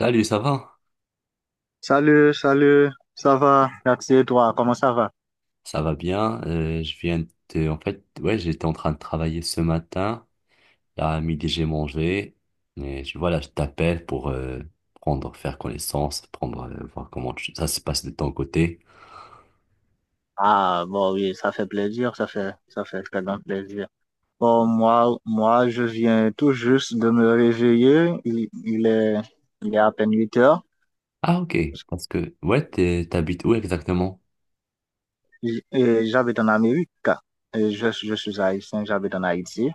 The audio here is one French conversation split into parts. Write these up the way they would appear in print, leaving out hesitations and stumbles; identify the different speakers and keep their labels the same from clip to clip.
Speaker 1: Salut, ça va?
Speaker 2: Salut, salut, ça va? Merci et toi, comment ça va?
Speaker 1: Ça va bien. Je viens de, en fait, ouais, j'étais en train de travailler ce matin. Là, à midi, j'ai mangé. Je t'appelle pour prendre, faire connaissance, voir comment ça se passe de ton côté.
Speaker 2: Ah bon oui, ça fait plaisir, ça fait très grand plaisir. Bon, moi, je viens tout juste de me réveiller. Il est à peine 8 heures.
Speaker 1: Ah, ok. Parce que, ouais, t'habites où exactement?
Speaker 2: Et j'habite en Amérique. Et je suis haïtien, j'habite en Haïti.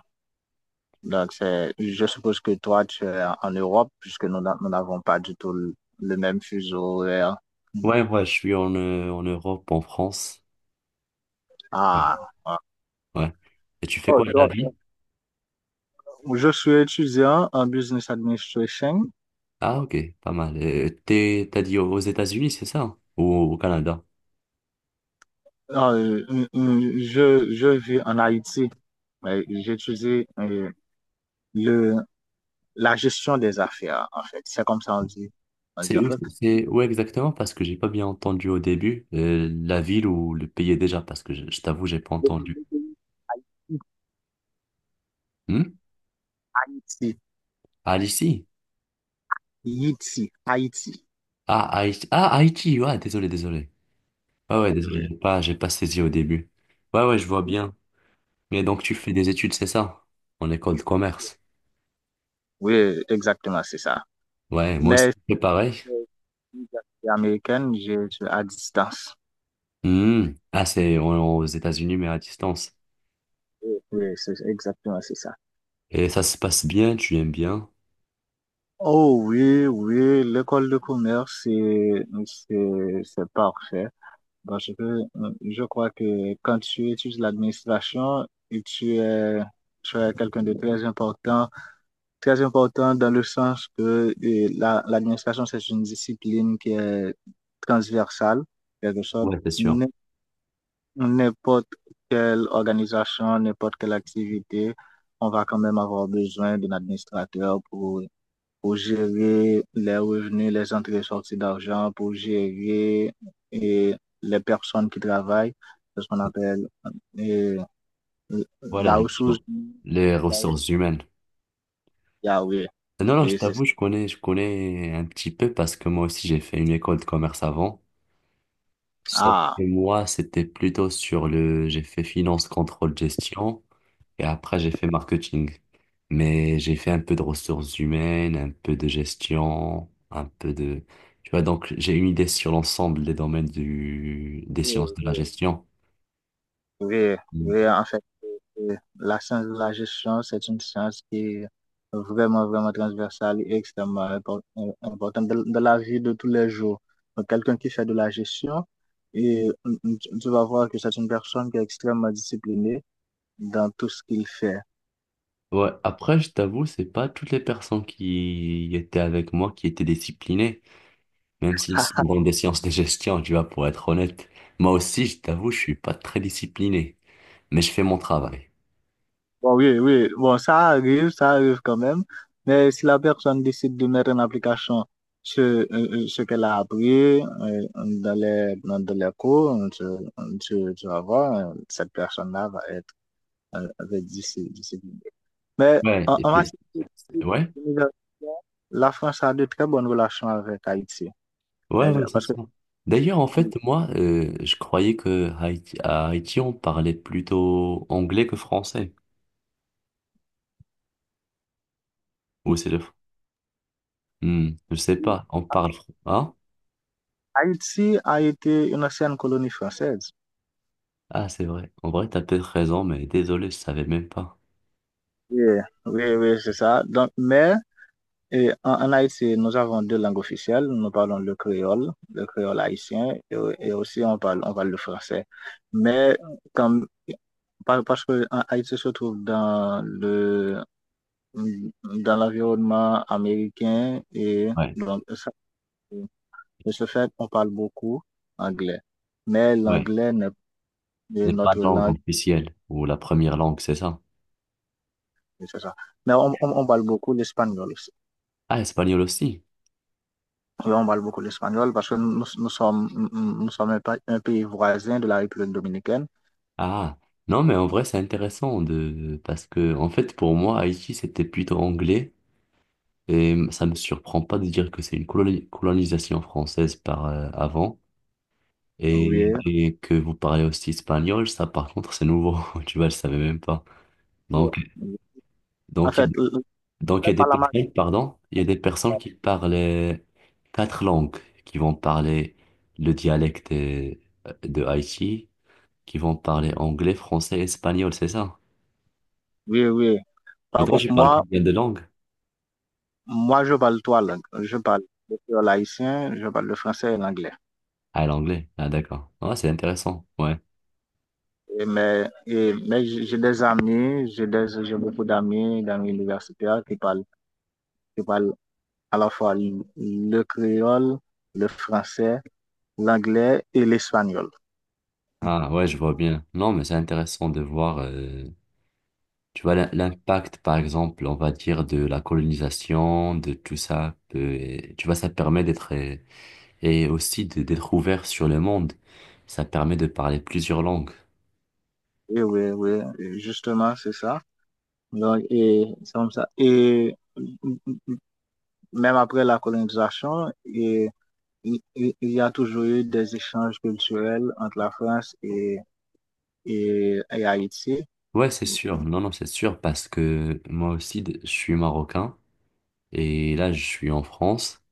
Speaker 2: Donc, c'est, je suppose que toi, tu es en Europe, puisque nous n'avons pas du tout le même fuseau horaire.
Speaker 1: Ouais, ouais, je suis en, en Europe, en France.
Speaker 2: Ah,
Speaker 1: Oui.
Speaker 2: ah.
Speaker 1: Ouais. Et tu fais
Speaker 2: Oh,
Speaker 1: quoi de la
Speaker 2: donc,
Speaker 1: vie?
Speaker 2: Je suis étudiant en business administration.
Speaker 1: Ah, ok, pas mal. T'as dit aux États-Unis, c'est ça? Ou au Canada?
Speaker 2: Je vis en Haïti, mais j'étudie le, la gestion des affaires, en fait. C'est comme ça on dit. On dit
Speaker 1: C'est
Speaker 2: en
Speaker 1: où?
Speaker 2: fait.
Speaker 1: C'est où exactement, parce que j'ai pas bien entendu au début la ville ou le pays déjà, parce que je t'avoue, j'ai pas entendu. Hmm.
Speaker 2: Haïti.
Speaker 1: Ah, ici?
Speaker 2: Haïti. Haïti.
Speaker 1: Ah, Haïti. Ah, Haïti, ouais, désolé, désolé. Ouais, ouais,
Speaker 2: Oui, oui.
Speaker 1: désolé, j'ai pas saisi au début. Ouais, ouais, je vois bien. Mais donc, tu fais des études, c'est ça? En école de commerce.
Speaker 2: Oui, exactement, c'est ça.
Speaker 1: Ouais, moi aussi,
Speaker 2: Mais
Speaker 1: c'est pareil.
Speaker 2: euh, américaine, à distance.
Speaker 1: Hmm. Ah, aux États-Unis, mais à distance.
Speaker 2: Oui, oui, c'est exactement, c'est ça.
Speaker 1: Et ça se passe bien, tu aimes bien?
Speaker 2: Oh oui, oui, l'école de commerce, c'est parfait. Parce que je crois que quand tu étudies l'administration, et tu es quelqu'un de très important, très important, dans le sens que l'administration, c'est une discipline qui est transversale, quelque sorte.
Speaker 1: Ouais, c'est sûr.
Speaker 2: N- N'importe quelle organisation, n'importe quelle activité, on va quand même avoir besoin d'un administrateur pour gérer les revenus, les entrées et sorties d'argent, pour gérer et les personnes qui travaillent, c'est ce qu'on appelle et,
Speaker 1: Voilà,
Speaker 2: la ressource.
Speaker 1: effectivement. Les
Speaker 2: La ressource-
Speaker 1: ressources humaines.
Speaker 2: Ah oui,
Speaker 1: Non, non, je
Speaker 2: oui, c'est ça.
Speaker 1: t'avoue, je connais un petit peu parce que moi aussi j'ai fait une école de commerce avant. Sauf
Speaker 2: Ah,
Speaker 1: que moi, c'était plutôt sur j'ai fait finance, contrôle, gestion et après j'ai fait marketing. Mais j'ai fait un peu de ressources humaines, un peu de gestion, tu vois, donc j'ai une idée sur l'ensemble des domaines des sciences
Speaker 2: oui,
Speaker 1: de la
Speaker 2: oui.
Speaker 1: gestion.
Speaker 2: Oui,
Speaker 1: Mm.
Speaker 2: oui, en fait, la science de la gestion, c'est une science qui est vraiment, vraiment transversale et importante dans dans la vie de tous les jours. Donc, quelqu'un qui fait de la gestion, et tu vas voir que c'est une personne qui est extrêmement disciplinée dans tout ce qu'il fait.
Speaker 1: Ouais, après, je t'avoue, c'est pas toutes les personnes qui étaient avec moi qui étaient disciplinées. Même si c'est dans des sciences de gestion, tu vois, pour être honnête, moi aussi, je t'avoue, je suis pas très discipliné, mais je fais mon travail.
Speaker 2: Bon, oui, oui, bon, ça arrive quand même. Mais si la personne décide de mettre en application ce qu'elle a appris dans les cours, tu vas voir, cette personne-là va être, va être disciplinée. Mais
Speaker 1: Ouais, et
Speaker 2: en matière
Speaker 1: c'est- ouais,
Speaker 2: d'université, la France a de très bonnes relations avec Haïti.
Speaker 1: ouais,
Speaker 2: C'est-à-dire-
Speaker 1: c'est
Speaker 2: Parce que
Speaker 1: ça. D'ailleurs, en fait, moi, je croyais que à Haïti, on parlait plutôt anglais que français. Ou c'est hmm, je sais pas, on hein?
Speaker 2: Haïti a été une ancienne colonie française.
Speaker 1: Ah, c'est vrai. En vrai, t'as peut-être raison, mais désolé, je savais même pas.
Speaker 2: Oui, oui, oui, c'est ça. Donc, mais et en Haïti, nous avons deux langues officielles. Nous parlons le créole haïtien, et aussi on parle le français. Mais quand, parce que en Haïti se trouve dans l'environnement américain, et
Speaker 1: Ouais,
Speaker 2: donc, ça- de ce fait, on parle beaucoup anglais. Mais
Speaker 1: ouais.
Speaker 2: l'anglais n'est est
Speaker 1: N'est pas la
Speaker 2: notre
Speaker 1: langue
Speaker 2: langue,
Speaker 1: officielle, ou la première langue, c'est ça.
Speaker 2: et c'est ça. Mais on parle beaucoup l'espagnol.
Speaker 1: Ah, espagnol aussi.
Speaker 2: Oui, on parle beaucoup l'espagnol parce que nous nous sommes un pays voisin de la République dominicaine.
Speaker 1: Ah, non, mais en vrai, c'est intéressant parce que, en fait, pour moi, Haïti, c'était plutôt anglais et ça me surprend pas de dire que c'est une colonisation française par avant
Speaker 2: Oui.
Speaker 1: et que vous parlez aussi espagnol. Ça, par contre, c'est nouveau. Tu vois, je savais même pas. Donc,
Speaker 2: Oui. En
Speaker 1: donc,
Speaker 2: fait,
Speaker 1: il-
Speaker 2: je ne
Speaker 1: donc, il y
Speaker 2: parle
Speaker 1: a des
Speaker 2: pas
Speaker 1: personnes, pardon, il y a des personnes qui parlent quatre langues, qui vont parler le dialecte de Haïti, qui vont parler anglais, français, espagnol, c'est ça?
Speaker 2: oui, oui.
Speaker 1: Et
Speaker 2: Par
Speaker 1: toi,
Speaker 2: contre,
Speaker 1: tu parles
Speaker 2: moi,
Speaker 1: combien de langues?
Speaker 2: moi, je parle trois langues. Je parle le créole haïtien, je parle le français et l'anglais.
Speaker 1: Ah, l'anglais. Ah, d'accord. Ah, c'est intéressant. Ouais.
Speaker 2: Mais j'ai des amis, j'ai beaucoup d'amis, d'amis universitaires qui parlent à la fois le créole, le français, l'anglais et l'espagnol.
Speaker 1: Ah, ouais, je vois bien. Non, mais c'est intéressant de voir, tu vois, l'impact, par exemple, on va dire, de la colonisation, de tout ça. Et tu vois, ça permet d'être, et aussi d'être ouvert sur le monde. Ça permet de parler plusieurs langues.
Speaker 2: Et oui, oui, justement, c'est ça. Donc, et c'est comme ça. Et même après la colonisation, et, il y a toujours eu des échanges culturels entre la France et Haïti.
Speaker 1: Ouais, c'est sûr. Non, non, c'est sûr, parce que moi aussi, je suis marocain. Et là, je suis en France.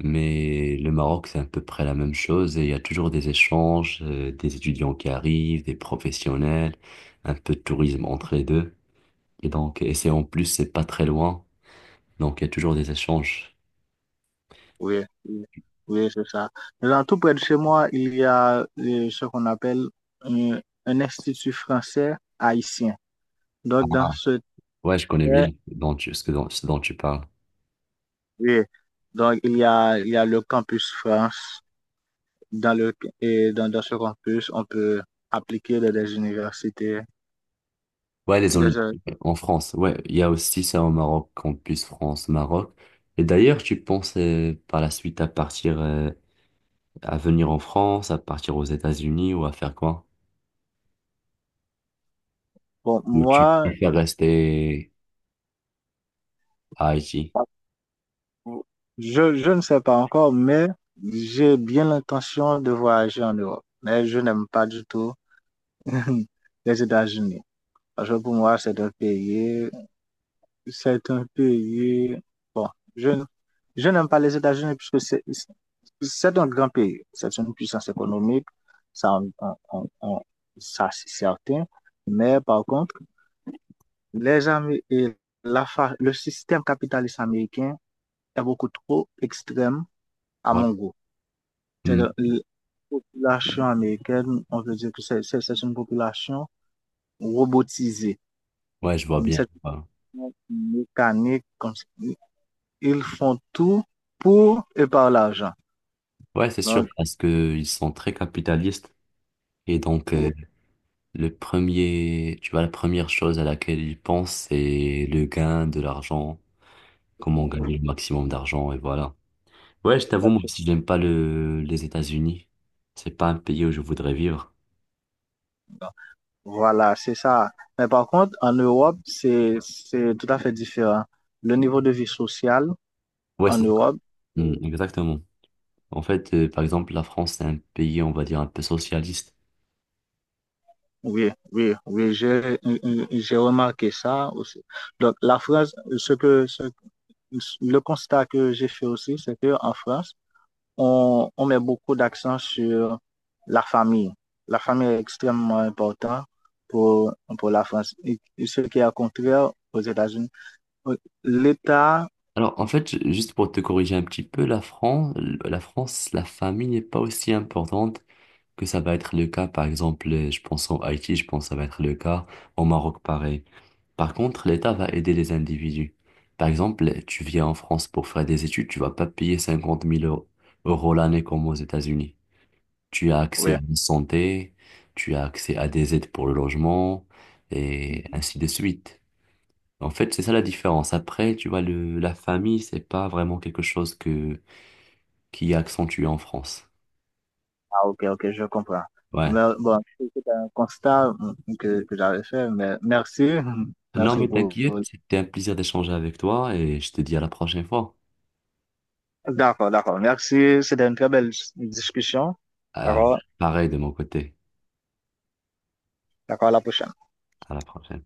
Speaker 1: Mais le Maroc, c'est à peu près la même chose et il y a toujours des échanges, des étudiants qui arrivent, des professionnels, un peu de tourisme entre les deux. Et donc, et c'est en plus, c'est pas très loin, donc il y a toujours des échanges.
Speaker 2: Oui, oui, oui, c'est ça. Dans tout près de chez moi, il y a ce qu'on appelle euh, un institut français haïtien. Donc, dans ce
Speaker 1: Ouais, je connais bien
Speaker 2: eh,
Speaker 1: dont tu- ce que, dont- ce dont tu parles.
Speaker 2: oui, donc il y a le campus France. Dans le, et dans, dans ce campus, on peut appliquer dans des universités.
Speaker 1: Ouais, les en,
Speaker 2: Déjà,
Speaker 1: en France. Ouais, il y a aussi ça au Maroc, campus France, Maroc. Et d'ailleurs, tu penses par la suite à partir, à venir en France, à partir aux États-Unis ou à faire quoi?
Speaker 2: bon,
Speaker 1: Ou tu
Speaker 2: moi,
Speaker 1: préfères rester à Haïti?
Speaker 2: je ne sais pas encore, mais j'ai bien l'intention de voyager en Europe. Mais je n'aime pas du tout les États-Unis. Parce que pour moi, c'est un pays, bon, je, n- je n'aime pas les États-Unis puisque c'est un grand pays. C'est une puissance économique. Ça, on- on- ça, c'est certain. Mais par contre, les Amé- et le système capitaliste américain est beaucoup trop extrême à
Speaker 1: Ouais.
Speaker 2: mon goût. C'est
Speaker 1: Mm.
Speaker 2: la population américaine, on peut dire que c'est une population robotisée.
Speaker 1: Ouais, je vois bien.
Speaker 2: C'est
Speaker 1: Ouais.
Speaker 2: une mécanique, comme ils font tout pour et par l'argent.
Speaker 1: Ouais, c'est sûr,
Speaker 2: Donc,
Speaker 1: parce que ils sont très capitalistes. Et donc, le premier, tu vois, la première chose à laquelle ils pensent, c'est le gain de l'argent, comment gagner le maximum d'argent, et voilà. Ouais, je t'avoue, moi aussi, j'aime pas les États-Unis. C'est pas un pays où je voudrais vivre.
Speaker 2: voilà, c'est ça. Mais par contre, en Europe, c'est tout à fait différent. Le niveau de vie sociale
Speaker 1: Ouais,
Speaker 2: en
Speaker 1: c'est ça.
Speaker 2: Europe.
Speaker 1: Mm, exactement. En fait, par exemple, la France, c'est un pays, on va dire, un peu socialiste.
Speaker 2: Oui, oui, oui, j'ai remarqué ça aussi. Donc, la France, le constat que j'ai fait aussi, c'est qu'en France, on met beaucoup d'accent sur la famille. La famille est extrêmement importante pour, pour la France. Et ce qui est au contraire aux États-Unis. L'État,
Speaker 1: Alors, en fait, juste pour te corriger un petit peu, la France, la famille n'est pas aussi importante que ça va être le cas, par exemple, je pense en Haïti, je pense que ça va être le cas, au Maroc, pareil. Par contre, l'État va aider les individus. Par exemple, tu viens en France pour faire des études, tu vas pas payer 50 000 euros euros l'année comme aux États-Unis. Tu as accès
Speaker 2: oui,
Speaker 1: à une santé, tu as accès à des aides pour le logement, et ainsi de suite. En fait, c'est ça la différence. Après, tu vois, la famille, c'est pas vraiment quelque chose qui est accentué en France.
Speaker 2: ah, ok, ok, je comprends.
Speaker 1: Ouais.
Speaker 2: Mais bon, c'est un constat que j'avais fait, mais merci,
Speaker 1: Non,
Speaker 2: merci
Speaker 1: mais
Speaker 2: pour.
Speaker 1: t'inquiète, c'était un plaisir d'échanger avec toi et je te dis à la prochaine fois.
Speaker 2: D'accord, d'accord. Merci. C'était une très belle discussion.
Speaker 1: Ah,
Speaker 2: D'accord,
Speaker 1: pareil de mon côté.
Speaker 2: d'accord, à la prochaine.
Speaker 1: À la prochaine.